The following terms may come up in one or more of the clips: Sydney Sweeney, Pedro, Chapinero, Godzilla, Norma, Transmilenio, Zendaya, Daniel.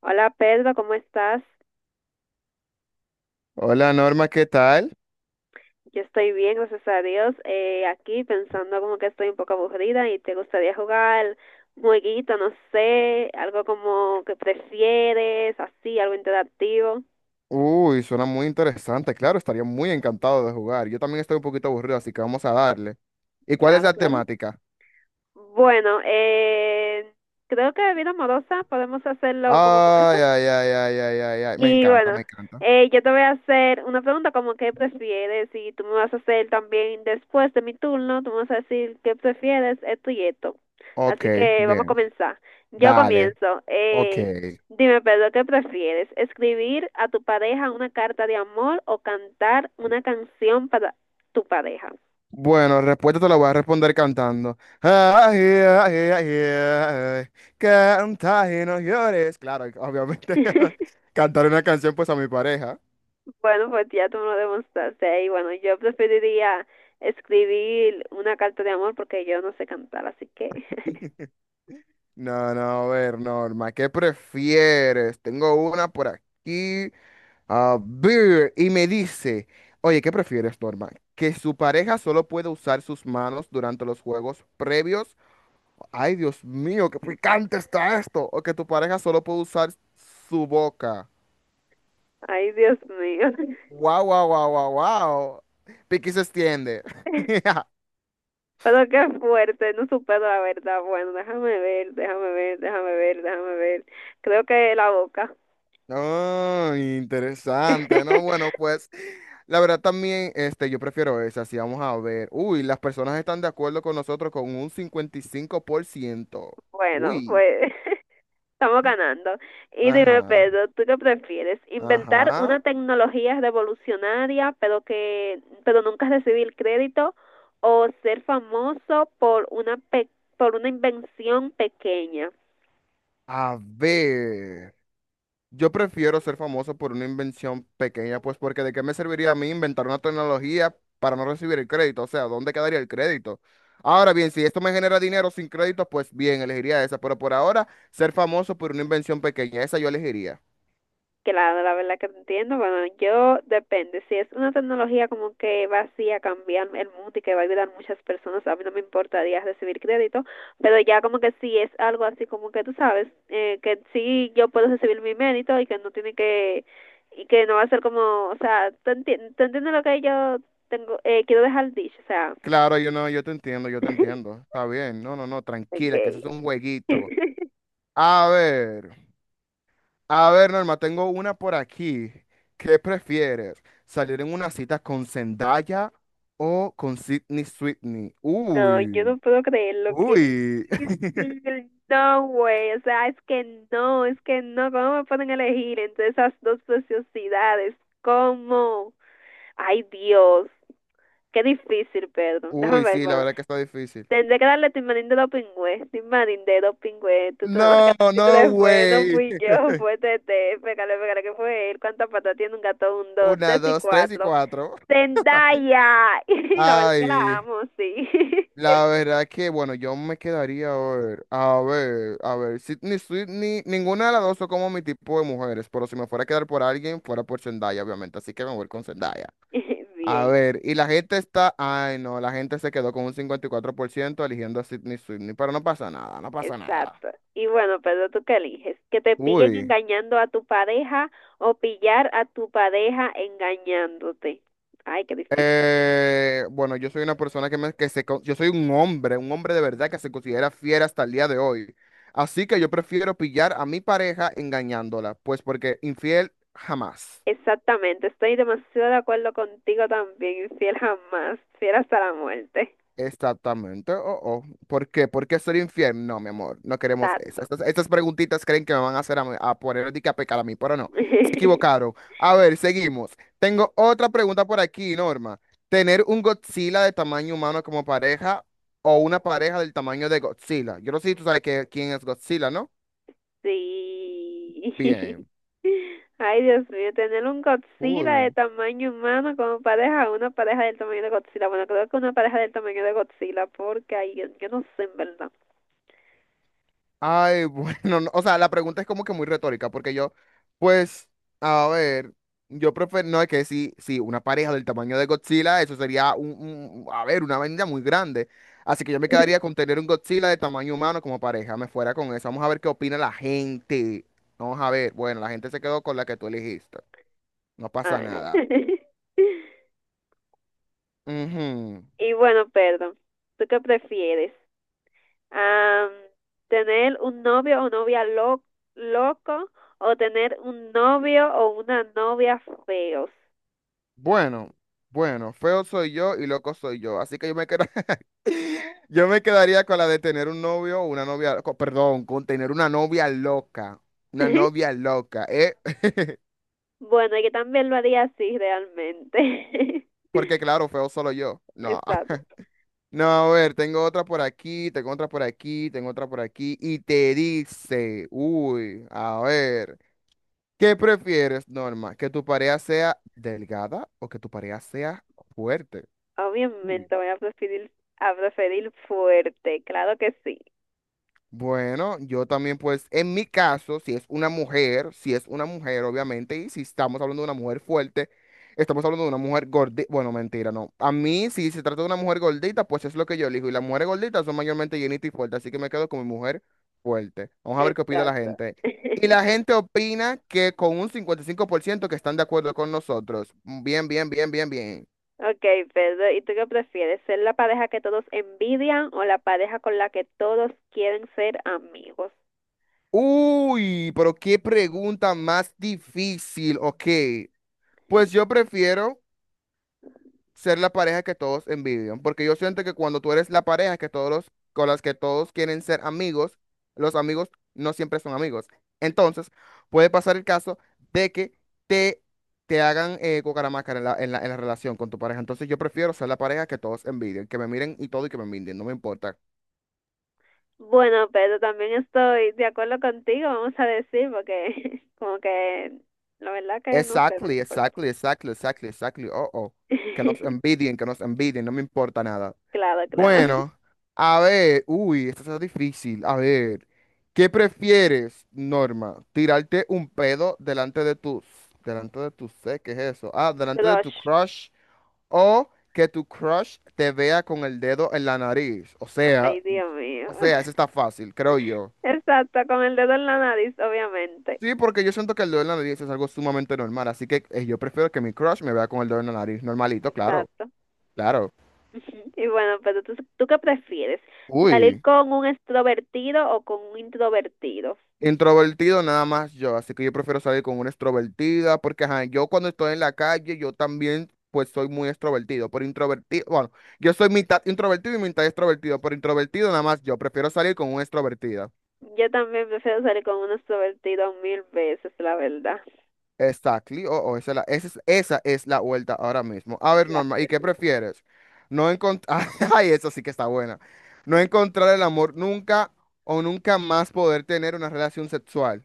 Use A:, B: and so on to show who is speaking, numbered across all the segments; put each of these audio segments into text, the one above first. A: Hola Pedro, ¿cómo estás?
B: Hola Norma, ¿qué tal?
A: Yo estoy bien, gracias a Dios. Aquí pensando como que estoy un poco aburrida y te gustaría jugar un jueguito, no sé, algo como que prefieres, así, algo interactivo.
B: Uy, suena muy interesante. Claro, estaría muy encantado de jugar. Yo también estoy un poquito aburrido, así que vamos a darle. ¿Y cuál es
A: Claro,
B: la
A: claro.
B: temática?
A: Bueno, creo que vida amorosa podemos hacerlo como con eso.
B: Ay, ay, ay, ay, ay, ay, ay. Me
A: Y
B: encanta,
A: bueno,
B: me encanta.
A: yo te voy a hacer una pregunta como qué prefieres y tú me vas a hacer también después de mi turno, tú me vas a decir qué prefieres, esto y esto.
B: Ok,
A: Así que vamos a
B: bien.
A: comenzar. Yo
B: Dale.
A: comienzo.
B: Ok.
A: Dime, Pedro, ¿qué prefieres? ¿Escribir a tu pareja una carta de amor o cantar una canción para tu pareja?
B: Bueno, respuesta te la voy a responder cantando. Ay, ay, ay, ay. Canta y no llores. Claro, obviamente. Cantar una canción pues a mi pareja.
A: Bueno, pues ya tú me lo demostraste. Y bueno, yo preferiría escribir una carta de amor porque yo no sé cantar, así que...
B: No, no, a ver, Norma, ¿qué prefieres? Tengo una por aquí. A ver, y me dice, oye, ¿qué prefieres, Norma? ¿Que su pareja solo puede usar sus manos durante los juegos previos? Ay, Dios mío, qué picante está esto. ¿O que tu pareja solo puede usar su boca?
A: Ay, Dios mío.
B: Wow, wow, wow, wow, wow. Piqui se extiende.
A: Pero qué fuerte, no supero la verdad. Bueno, déjame ver, déjame ver, déjame ver, déjame ver. Creo que la boca.
B: Oh, interesante, ¿no? Bueno, pues la verdad también, yo prefiero esa, si vamos a ver. Uy, las personas están de acuerdo con nosotros con un 55%.
A: Bueno,
B: Uy,
A: pues estamos ganando. Y dime,
B: ajá,
A: Pedro, ¿tú qué prefieres? ¿Inventar
B: ajá.
A: una tecnología revolucionaria, pero nunca recibir crédito o ser famoso por una por una invención pequeña?
B: A ver. Yo prefiero ser famoso por una invención pequeña, pues porque ¿de qué me serviría a mí inventar una tecnología para no recibir el crédito? O sea, ¿dónde quedaría el crédito? Ahora bien, si esto me genera dinero sin crédito, pues bien, elegiría esa, pero por ahora ser famoso por una invención pequeña, esa yo elegiría.
A: Claro, la verdad que te entiendo. Bueno, yo depende. Si es una tecnología como que va así a cambiar el mundo y que va a ayudar a muchas personas, a mí no me importaría recibir crédito, pero ya como que si es algo así como que tú sabes, que sí yo puedo recibir mi mérito y que no tiene que, y que no va a ser como, o sea, ¿tú entiendes lo que yo tengo, quiero dejar dicho? O sea,
B: Claro, yo no, yo te entiendo, yo te entiendo. Está bien, no, no, no, tranquila, que eso
A: okay.
B: es un jueguito. A ver. A ver, Norma, tengo una por aquí. ¿Qué prefieres? ¿Salir en una cita con Zendaya o con Sydney Sweeney?
A: No, yo no
B: Uy,
A: puedo creerlo, qué
B: uy,
A: difícil. No, güey, o sea, es que no, ¿cómo me pueden elegir entre esas dos sociedades? ¿Cómo? Ay, Dios, qué difícil, perdón. Déjame
B: uy,
A: ver,
B: sí, la
A: bueno,
B: verdad que está difícil.
A: tendré que darle Timarín de los pingües, Timarín de los pingües, tú te
B: No,
A: tú te
B: no,
A: la fue, no
B: güey.
A: fui yo, fue Tete, pégale, pégale, que fue él, cuántas patas tiene un gato, un, dos,
B: Una,
A: tres y
B: dos, tres y
A: cuatro.
B: cuatro.
A: Zendaya, y la verdad que la
B: Ay,
A: amo, sí.
B: la verdad que, bueno, yo me quedaría a ver, a ver, a ver, Sydney Sweeney, ninguna de las dos son como mi tipo de mujeres, pero si me fuera a quedar por alguien, fuera por Zendaya, obviamente, así que me voy con Zendaya. A
A: Bien.
B: ver, y la gente está, ay no, la gente se quedó con un 54% eligiendo a Sydney Sweeney, pero no pasa nada, no pasa nada.
A: Exacto. Y bueno, pero ¿tú qué eliges? ¿Que te pillen
B: Uy,
A: engañando a tu pareja o pillar a tu pareja engañándote? Ay, qué difícil.
B: bueno, yo soy una persona que, me, que se, con- yo soy un hombre de verdad que se considera fiel hasta el día de hoy. Así que yo prefiero pillar a mi pareja engañándola, pues porque infiel jamás.
A: Exactamente, estoy demasiado de acuerdo contigo también, fiel jamás, fiel hasta la muerte.
B: Exactamente. Oh, oh. ¿Por qué? ¿Por qué ser infiel? No, mi amor, no queremos eso.
A: Exacto.
B: Estas preguntitas creen que me van a hacer a poner de que a pecar a mí, pero no. Se equivocaron. A ver, seguimos. Tengo otra pregunta por aquí, Norma. ¿Tener un Godzilla de tamaño humano como pareja o una pareja del tamaño de Godzilla? Yo no sé si tú sabes quién es Godzilla, ¿no?
A: Sí.
B: Bien.
A: Ay, Dios mío, tener un Godzilla de
B: Cool.
A: tamaño humano como pareja, una pareja del tamaño de Godzilla. Bueno, creo que una pareja del tamaño de Godzilla, porque ay, yo no sé en verdad.
B: Ay, bueno, no, o sea, la pregunta es como que muy retórica, porque yo, pues, a ver, yo prefiero, no, es que sí, sí, una pareja del tamaño de Godzilla, eso sería a ver, una vaina muy grande. Así que yo me quedaría con tener un Godzilla de tamaño humano como pareja, me fuera con eso. Vamos a ver qué opina la gente. Vamos a ver, bueno, la gente se quedó con la que tú elegiste. No pasa
A: Ah.
B: nada. Ujú.
A: Y bueno, perdón, ¿tú qué prefieres? Am, ¿Tener un novio o novia loco o tener un novio o una novia feos?
B: Bueno, bueno, feo soy yo y loco soy yo, así que yo me quedo, yo me quedaría con la de tener un novio o una novia, co- perdón, con tener una novia loca, ¿eh?
A: Bueno, yo también lo haría así realmente.
B: Porque claro, feo solo yo, no,
A: Exacto.
B: no, a ver, tengo otra por aquí, tengo otra por aquí, tengo otra por aquí, y te dice, uy, a ver, ¿qué prefieres, Norma? ¿Que tu pareja sea delgada o que tu pareja sea fuerte? Uy.
A: Obviamente voy a preferir fuerte, claro que sí.
B: Bueno, yo también pues en mi caso, si es una mujer, si es una mujer obviamente, y si estamos hablando de una mujer fuerte, estamos hablando de una mujer gordita, bueno, mentira, no. A mí, si se trata de una mujer gordita, pues es lo que yo elijo, y las mujeres gorditas son mayormente llenitas y fuertes, así que me quedo con mi mujer fuerte. Vamos a ver qué opina la
A: Exacto.
B: gente. Y la gente opina que con un 55% que están de acuerdo con nosotros. Bien, bien, bien, bien, bien.
A: Ok, Pedro, ¿y tú qué prefieres? ¿Ser la pareja que todos envidian o la pareja con la que todos quieren ser amigos?
B: Uy, pero qué pregunta más difícil, ok. Pues yo prefiero... ser la pareja que todos envidian, porque yo siento que cuando tú eres la pareja que con las que todos quieren ser amigos, los amigos no siempre son amigos. Entonces, puede pasar el caso de que te, te hagan cucaramácara en en la relación con tu pareja. Entonces, yo prefiero ser la pareja que todos envidian, que me miren y todo y que me envidien, no me importa.
A: Bueno, Pedro, también estoy de acuerdo contigo, vamos a decir, porque como que la verdad que no sé, no me
B: Exactly,
A: importa.
B: exactly, exactly, exactly, exactly. Oh, oh. Que nos envidien, no me importa nada.
A: Claro, claro.
B: Bueno, a ver, uy, esto está difícil. A ver, ¿qué prefieres, Norma? ¿Tirarte un pedo delante de tus, ¿Qué es eso? Ah, delante de tu
A: Crush.
B: crush o que tu crush te vea con el dedo en la nariz. O sea,
A: Ay, Dios mío.
B: o sea, eso está fácil, creo yo.
A: Exacto, con el dedo en la nariz, obviamente.
B: Sí, porque yo siento que el dedo en la nariz es algo sumamente normal, así que yo prefiero que mi crush me vea con el dedo en la nariz, normalito, claro,
A: Exacto.
B: claro.
A: Ujú. Y bueno, pero ¿tú qué prefieres? ¿Salir
B: Uy.
A: con un extrovertido o con un introvertido?
B: Introvertido nada más yo, así que yo prefiero salir con una extrovertida, porque ajá, yo cuando estoy en la calle, yo también pues soy muy extrovertido, por introvertido, bueno, yo soy mitad introvertido y mitad extrovertido, por introvertido nada más yo, prefiero salir con una extrovertida.
A: Yo también prefiero salir con un extrovertido mil veces, la verdad.
B: Exactly, oh, oh, esa es la vuelta ahora mismo. A ver, Norma, ¿y qué prefieres? No encontrar, ay, eso sí que está buena. No encontrar el amor nunca o nunca más poder tener una relación sexual.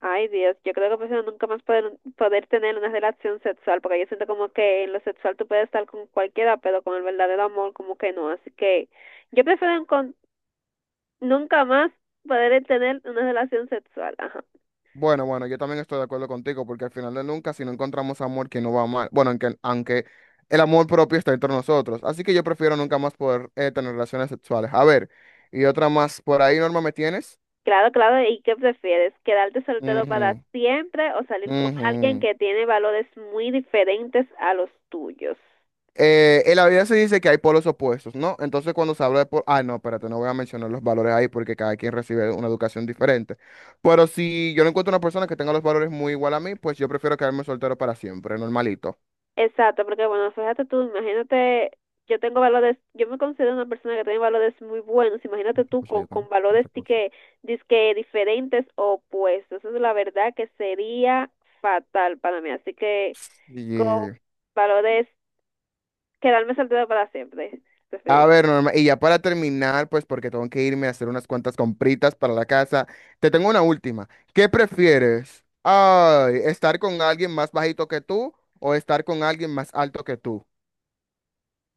A: Ay, Dios, yo creo que prefiero nunca más poder tener una relación sexual, porque yo siento como que en lo sexual tú puedes estar con cualquiera, pero con el verdadero amor como que no. Así que yo prefiero nunca más poder tener una relación sexual. Ajá.
B: Bueno, bueno, yo también estoy de acuerdo contigo, porque al final de nunca, si no encontramos amor que no va mal, bueno, aunque, aunque el amor propio está entre nosotros, así que yo prefiero nunca más poder tener relaciones sexuales. A ver, y otra más, por ahí, Norma, ¿me tienes?
A: Claro, claro, ¿y qué prefieres? ¿Quedarte soltero para
B: Ujú,
A: siempre o salir con alguien
B: ujú.
A: que tiene valores muy diferentes a los tuyos?
B: En la vida se dice que hay polos opuestos, ¿no? Entonces cuando se habla de polos, ah, no, espérate, no voy a mencionar los valores ahí porque cada quien recibe una educación diferente. Pero si yo no encuentro una persona que tenga los valores muy igual a mí, pues yo prefiero quedarme soltero para siempre, normalito.
A: Exacto, porque bueno, fíjate tú, imagínate, yo tengo valores, yo me considero una persona que tiene valores muy buenos,
B: No,
A: imagínate
B: otra
A: tú
B: cosa yo
A: con
B: tengo,
A: valores
B: otra cosa.
A: que dizque diferentes o opuestos, eso es la verdad que sería fatal para mí, así que con
B: Y,
A: valores, quedarme soltero para siempre,
B: a
A: preferir.
B: ver, Norma, y ya para terminar, pues porque tengo que irme a hacer unas cuantas compritas para la casa, te tengo una última. ¿Qué prefieres? Ay, ¿estar con alguien más bajito que tú o estar con alguien más alto que tú?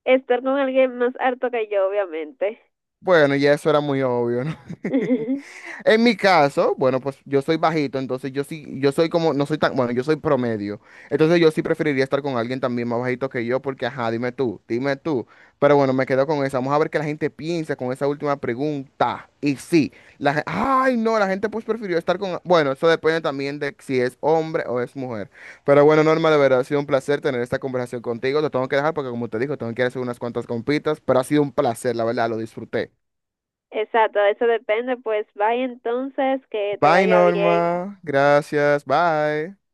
A: Estar con alguien más harto que yo, obviamente.
B: Bueno, ya eso era muy obvio, ¿no? En mi caso, bueno, pues yo soy bajito, entonces yo sí, yo soy como, no soy tan, bueno, yo soy promedio. Entonces yo sí preferiría estar con alguien también más bajito que yo, porque ajá, dime tú, dime tú. Pero bueno, me quedo con esa. Vamos a ver qué la gente piensa con esa última pregunta. Y sí, ay, no, la gente pues prefirió estar con, bueno, eso depende también de si es hombre o es mujer. Pero bueno, Norma, de verdad ha sido un placer tener esta conversación contigo. Te tengo que dejar porque como te digo, tengo que ir a hacer unas cuantas compitas, pero ha sido un placer, la verdad, lo disfruté.
A: Exacto, eso depende, pues vaya entonces, que te
B: Bye,
A: vaya bien.
B: Norma. Gracias. Bye.